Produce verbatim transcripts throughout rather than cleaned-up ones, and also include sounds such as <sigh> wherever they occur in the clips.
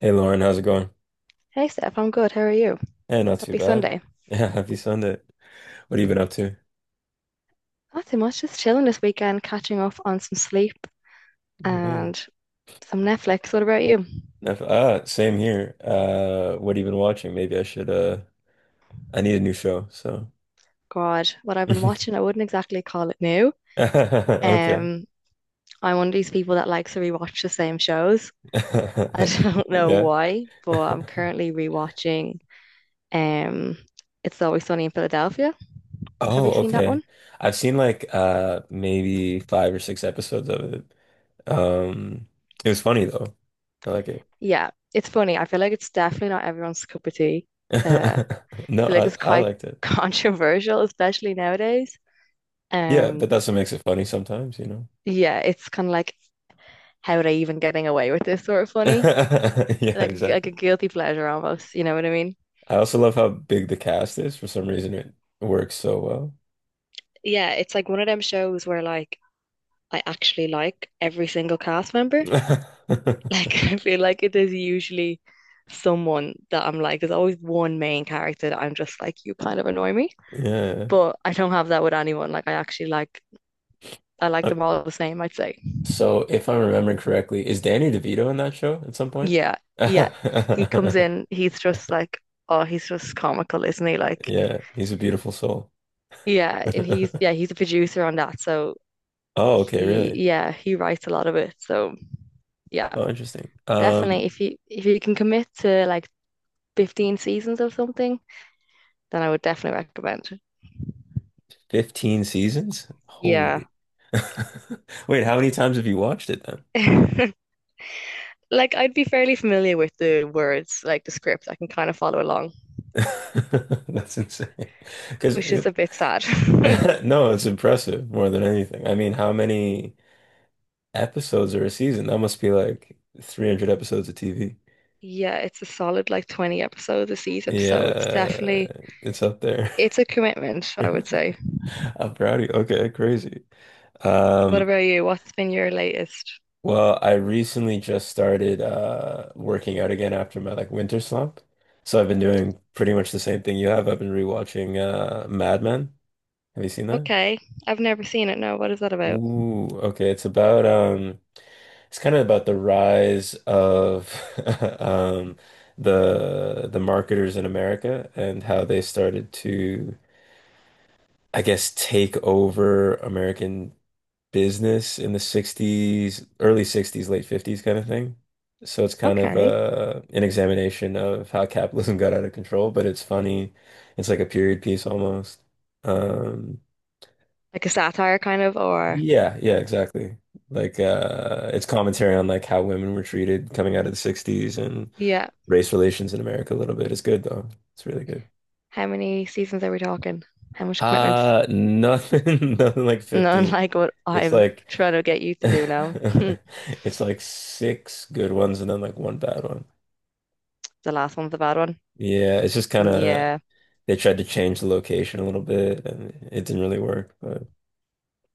Hey Lauren, how's it going? Hey Steph, I'm good. How are you? Yeah, not too Happy bad. Sunday. Yeah, <laughs> happy Sunday. What have you been up to? Nothing much, just chilling this weekend, catching up on some sleep Mm. and some Netflix. What about you? Nef- Ah, same here. Uh, what have you been watching? Maybe I should uh I need a new show, so God, what I've been watching, I <laughs> wouldn't exactly call it new. okay. Um, I'm one of these people that likes to rewatch the same shows. I <laughs> <laughs> don't know Yeah. why, but I'm <laughs> currently rewatching um It's Always Sunny in Philadelphia. Have you Oh, seen that okay. one? I've seen like uh maybe five or six episodes of it. Um it was funny though. I like it. Yeah, it's funny. I feel like it's definitely not everyone's cup of tea. Uh, <laughs> No, I feel like I it's I quite liked it. <laughs> controversial, especially nowadays. Yeah, but Um, that's what makes it funny sometimes, you know. yeah, it's kind of like, how are they even getting away with this sort of funny? <laughs> Yeah, Like like exactly. a guilty pleasure almost, you know what I mean? I also love how big the cast is. For some reason, it works so Yeah, it's like one of them shows where, like, I actually like every single cast member. <laughs> well. <laughs> Like, I feel like it is usually someone that I'm like, there's always one main character that I'm just like, you kind of annoy me. Yeah. But I don't have that with anyone. Like, I actually like, I like Uh, them all the same, I'd say. So, if I'm remembering correctly, is Danny DeVito in that show at some point? Yeah, yeah. He comes <laughs> in, he's just like, oh, he's just comical, isn't he? Like, Yeah, he's a beautiful soul. yeah, and he's yeah, <laughs> he's a producer on that. So Oh, okay, he really? yeah, he writes a lot of it. So yeah, Oh, interesting. Um, definitely if you if you can commit to like fifteen seasons of something, then I would definitely recommend it. fifteen seasons? Yeah. Holy. <laughs> Wait, how many times have you watched it then? <laughs> Like, I'd be fairly familiar with the words, like the script. I can kind of follow along, <laughs> That's insane. Because which is a bit <laughs> sad. <laughs> no, it's impressive more than anything. I mean, how many episodes or a season? That must be like three hundred episodes of T V. Yeah, it's a solid like twenty episodes a season, so it's Yeah, definitely, it's up there. it's a commitment, <laughs> I would say. I'm proud of you. Okay, crazy. What Um, about you? What's been your latest? well, I recently just started uh working out again after my like winter slump. So I've been doing pretty much the same thing you have. I've been rewatching uh Mad Men. Have you seen that? Okay. I've never seen it. No, what is that about? Ooh, okay. It's about um, it's kind of about the rise of <laughs> um the the marketers in America and how they started to, I guess, take over American business in the sixties, early sixties, late fifties kind of thing. So it's kind of Okay. uh, an examination of how capitalism <laughs> got out of control, but it's funny. It's like a period piece almost. Um, Like a satire kind of, or Yeah, yeah, exactly. Like uh it's commentary on like how women were treated coming out of the sixties and yeah. race relations in America a little bit. It's good though. It's really good. How many seasons are we talking? How much commitment? Uh nothing <laughs> nothing like <laughs> Not fifteen. like what It's I'm like trying to get you <laughs> to do now. <laughs> it's like six good ones and then like one bad one. The last one's a bad one. Yeah, it's just kind of Yeah. they tried to change the location a little bit and it didn't really work, but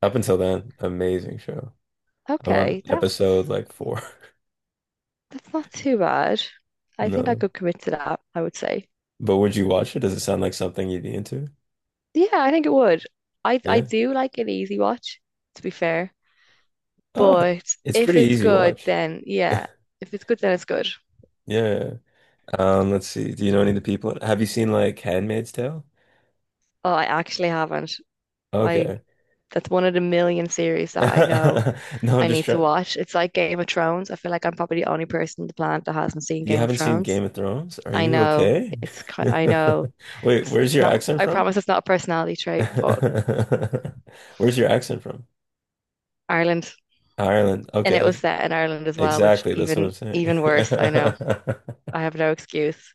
up until then, amazing show. I'm on Okay. episode That's like four. <laughs> that's not too bad. I think I No. could commit to that, I would say. But would you watch it? Does it sound like something you'd be into? Yeah, I think it would. I I Yeah. do like an easy watch, to be fair. Uh, But it's if pretty it's easy good, watch. then <laughs> yeah. If it's good, then it's good. Yeah. Um, let's see. Do you know any of the people? Have you seen like Handmaid's Tale? Oh, I actually haven't. I Okay. That's one of the million series that I know <laughs> No, I'm I just need to trying. watch. It's like Game of Thrones. I feel like I'm probably the only person on the planet that hasn't seen You Game of haven't seen Thrones. Game of Thrones? Are I you know okay? it's I know <laughs> Wait, it's where's it's your not, accent I from? promise it's not a personality trait, but <laughs> Where's your accent from? Ireland, Ireland. and it Okay. was set in Ireland as well, which Exactly. That's what I'm even saying. even worse, I know. I have no excuse.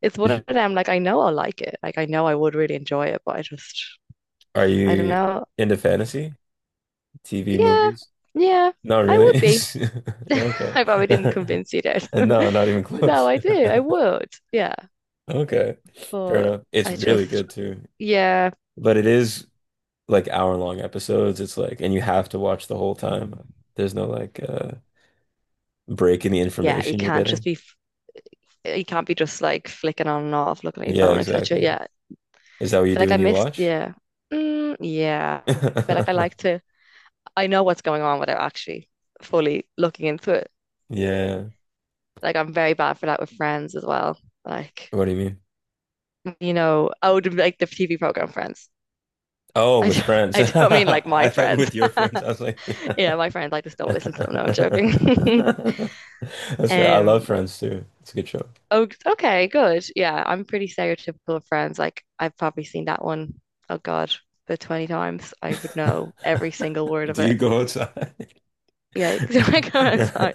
It's one of <laughs> them, like, I know I'll like it. Like, I know I would really enjoy it, but I just, Are I don't you know. into fantasy? T V Yeah, movies? yeah, Not I would really. be. <laughs> <laughs> Yeah, okay. I probably didn't <laughs> convince you that. <laughs> And no, not even But no, close. I <laughs> do. I would. Yeah. Okay. Fair But enough. It's I really just, good too. yeah. But it is like hour long episodes. It's like, and you have to watch the whole time. There's no like uh break in the Yeah, you information you're can't just getting. be, f- you can't be just like flicking on and off, looking at your Yeah, phone, et cetera. exactly. Yeah, Is that what I you feel do like I when you missed. watch? Yeah, mm, yeah, I feel like I <laughs> like to. I know what's going on without actually fully looking into it. Yeah. Like, I'm very bad for that with Friends as well. Like, What do you mean? you know, oh, the- like the T V program Friends. Oh, <laughs> I with don't, friends. <laughs> I don't mean like my I thought friends. with your <laughs> friends. I was like, <laughs> Yeah, my friends. I just don't listen to them. No, I'm that's joking. <laughs> fair. I love Um, Friends too. It's a good show. oh, okay, good. Yeah, I'm pretty stereotypical of Friends. Like, I've probably seen that one, oh God, the twenty times. I would know every single <laughs> word of Do you it. go outside? Yeah, <laughs> 'cause when I go outside,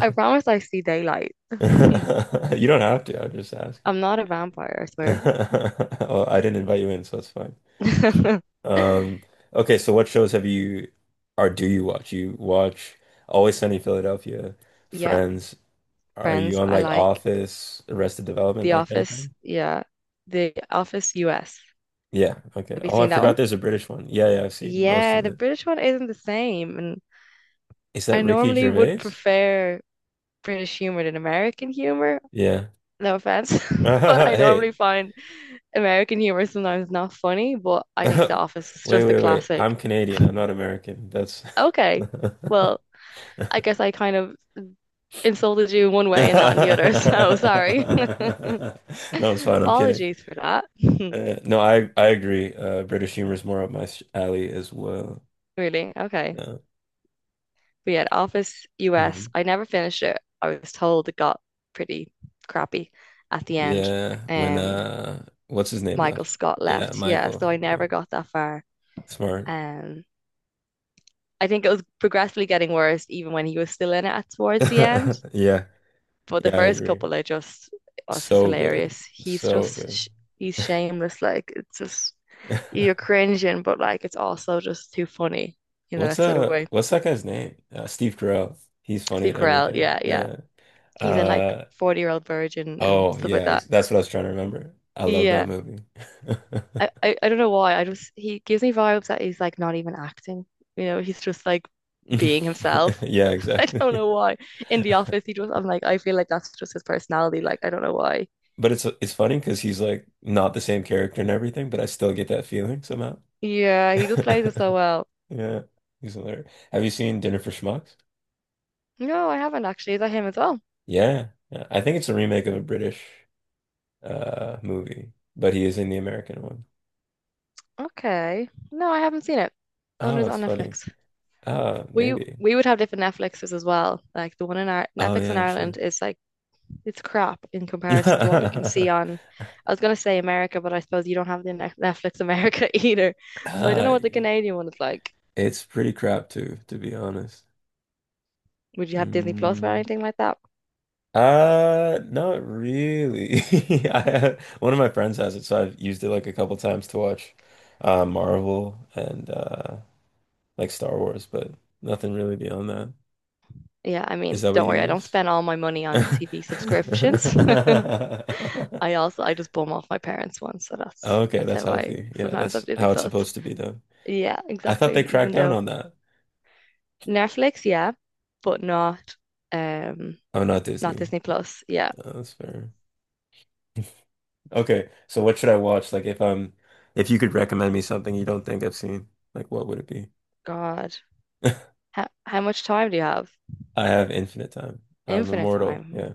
I promise I see daylight. <laughs> You don't have to. I'm just asking. I'm not a vampire, I swear. <laughs> Oh, I didn't invite you in, so it's fine. <laughs> Um, okay, so what shows have you or do you watch? You watch Always Sunny in Philadelphia, Yeah, Friends. Are you Friends, on I like like. Office, Arrested Development, The that kind of Office, thing? yeah. The Office U S. Yeah, okay. Have you Oh, I seen that forgot one? there's a British one. Yeah, yeah, I've seen most Yeah, of the it. British one isn't the same. And Is that I Ricky normally would Gervais? prefer British humor than American humor. Yeah. No offense, <laughs> but I <laughs> Hey, normally find American humor sometimes not funny, but <laughs> I think The Wait, Office is just a wait, wait. classic. I'm Canadian. I'm not American. That's <laughs> no, Okay, well, I guess I kind of insulted you in one way and not in the other, <laughs> so sorry. it's <laughs> fine. I'm kidding. Apologies for that. <laughs> Uh, no, I I agree. Uh, British humor is more up my sh- alley as well. Really? Okay. Yeah. But yeah, The Office U S, Mhm. I never finished it. I was told it got pretty crappy at the end. Yeah. When Um, uh, what's his name Michael left? Scott Yeah, left. Yeah, so Michael. I Yeah, never got that far. smart. Um. I think it was progressively getting worse even when he was still in it towards the end. <laughs> Yeah, But the yeah, I first agree. couple are just, oh, it's just So good, hilarious. He's so good. just, he's shameless. Like, it's just, you're <laughs> cringing, but like, it's also just too funny, you know, What's that sort of uh, way. what's that guy's name? Uh, Steve Carell. He's funny Steve at Carell, everything. yeah, yeah. Yeah. He's in like Uh, forty Year Old Virgin and oh stuff yeah, like that. ex- that's what I was trying to remember. I love that Yeah. movie. I, <laughs> I, I don't know why. I just, he gives me vibes that he's like not even acting, you know, he's just like being himself. Yeah, <laughs> I exactly. don't <laughs> know why. In the office, he just, I'm like, I feel like that's just his personality. Like, I don't know why. But it's it's funny because he's like not the same character and everything, but I still get that feeling somehow. Yeah, he just plays it so <laughs> well. Yeah, he's hilarious. Have you seen Dinner for Schmucks? No, I haven't actually. Is that him as well? Yeah, yeah. I think it's a remake of a British uh movie, but he is in the American one. Okay. No, I haven't seen it. No, wonder Oh, it's it's on funny. Netflix. Ah, We maybe. we would have different Netflixes as well. Like the one in our Oh Netflix in yeah, true. Ireland is like, it's crap in comparison to what you can see <laughs> on. I was gonna say America, but I suppose you don't have the Ne- Netflix America <laughs> either. So I don't Ah, know what the yeah. Canadian one is like. It's pretty crap too, to be honest. Would you have Disney Plus or Mm. anything like that? Uh, not really. <laughs> I have, one of my friends has it, so I've used it like a couple times to watch uh Marvel and uh like Star Wars, but nothing really beyond that. Yeah, I Is mean, that what don't you worry, I don't use? spend all my money on T V subscriptions. <laughs> <laughs> I also I just bum off my parents once, so that's Okay, that's that's how I healthy. Yeah, sometimes that's have Disney how it's Plus. supposed to be done. Yeah, I thought they exactly. cracked Even down though on that. Netflix, yeah, but not um Oh, not not Disney. Disney Plus. Yeah. Oh, that's fair. Okay, so what should I watch? Like if um if you could recommend me something you don't think I've seen, like what would it be? God. How how much time do you have? <laughs> I have infinite time. I'm Infinite immortal. time. Yeah.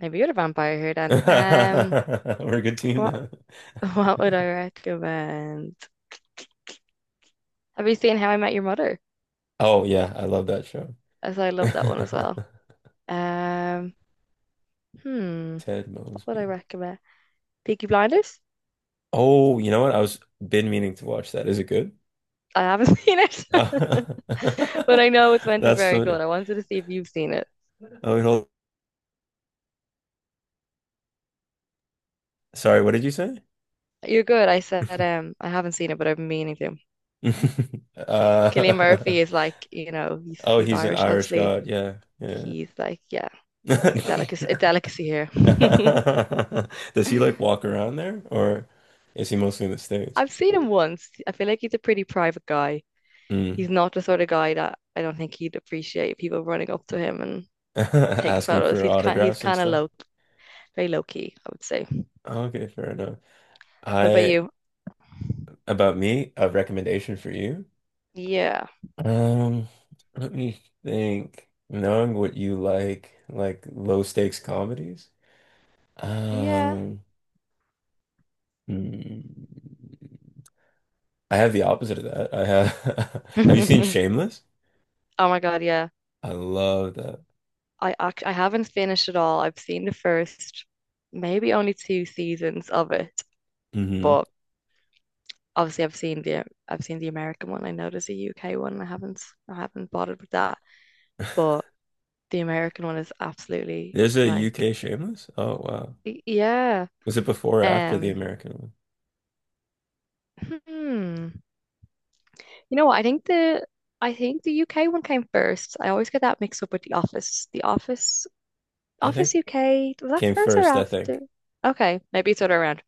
Maybe you're the vampire here <laughs> then. We're Um a good team what now. <laughs> what would I recommend? Have you seen How I Met Your Mother? Oh yeah, I love that show. As I love that one as well. Um, <laughs> hmm. Ted What I Mosby. recommend? Peaky Blinders? Oh, you know what? I was Been meaning to watch that. Is it good? I haven't seen it, <laughs> but I know it's <laughs> meant to be That's very funny. good. I wanted to see if you've seen it. Oh, wait, hold- sorry, what did you say? You're good. I said, <laughs> um, I haven't seen it, but I've been meaning to. <laughs> Cillian Uh, Murphy is like, you know, <laughs> he's oh, he's he's an Irish, Irish obviously. god. Yeah, He's like, yeah, a yeah. delicacy, a <laughs> delicacy here. <laughs> Does he like <laughs> walk around there or is he mostly in the States? I've seen him once. I feel like he's a pretty private guy. Mm. He's not the sort of guy that, I don't think he'd appreciate people running up to him and <laughs> taking Asking photos. for He's kind, he's autographs and kind of stuff? low, very low key, I would say. Okay, fair enough. What about I, you? about me, a recommendation for you. Yeah. Um, let me think. Knowing what you like, like low stakes comedies. Yeah. Um, hmm. I have the opposite of that. I have, <laughs> have you seen <laughs> Shameless? Oh my God, yeah. I love that. I act I haven't finished it all. I've seen the first, maybe only two seasons of it, Hmm. but obviously I've seen the I've seen the American one. I know there's a U K one. I haven't I haven't bothered with that, <laughs> but the American one is absolutely There's a like, U K Shameless? Oh, wow. y- yeah. Was it before or after the Um, American one? hmm. You know what? I think the I think the U K one came first. I always get that mixed up with The Office. The Office I think Office U K, was that came first or first, I after? think. Okay, maybe it's other around.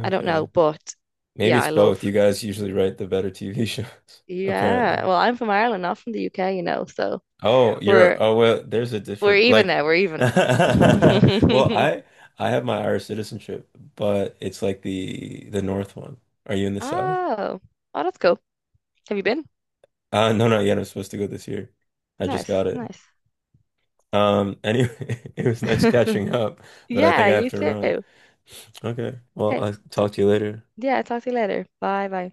I don't know, but Maybe yeah, it's I both. You love. guys usually write the better T V shows, <laughs> Yeah, apparently. well, I'm from Ireland, not from the U K, you know, so Oh, we're you're oh well, there's a we're different even like now, we're <laughs> even. well, <laughs> I I have my Irish citizenship, but it's like the the North one. Are you in the South? Oh, oh, that's cool. Have you been? Uh no, not yet. I'm supposed to go this year. I just Nice, got it. nice. Um anyway, <laughs> it was nice <laughs> catching up, but I Yeah, think I have you to run. too. Okay. Well, Okay, I'll t talk to you later. yeah, talk to you later. Bye, bye.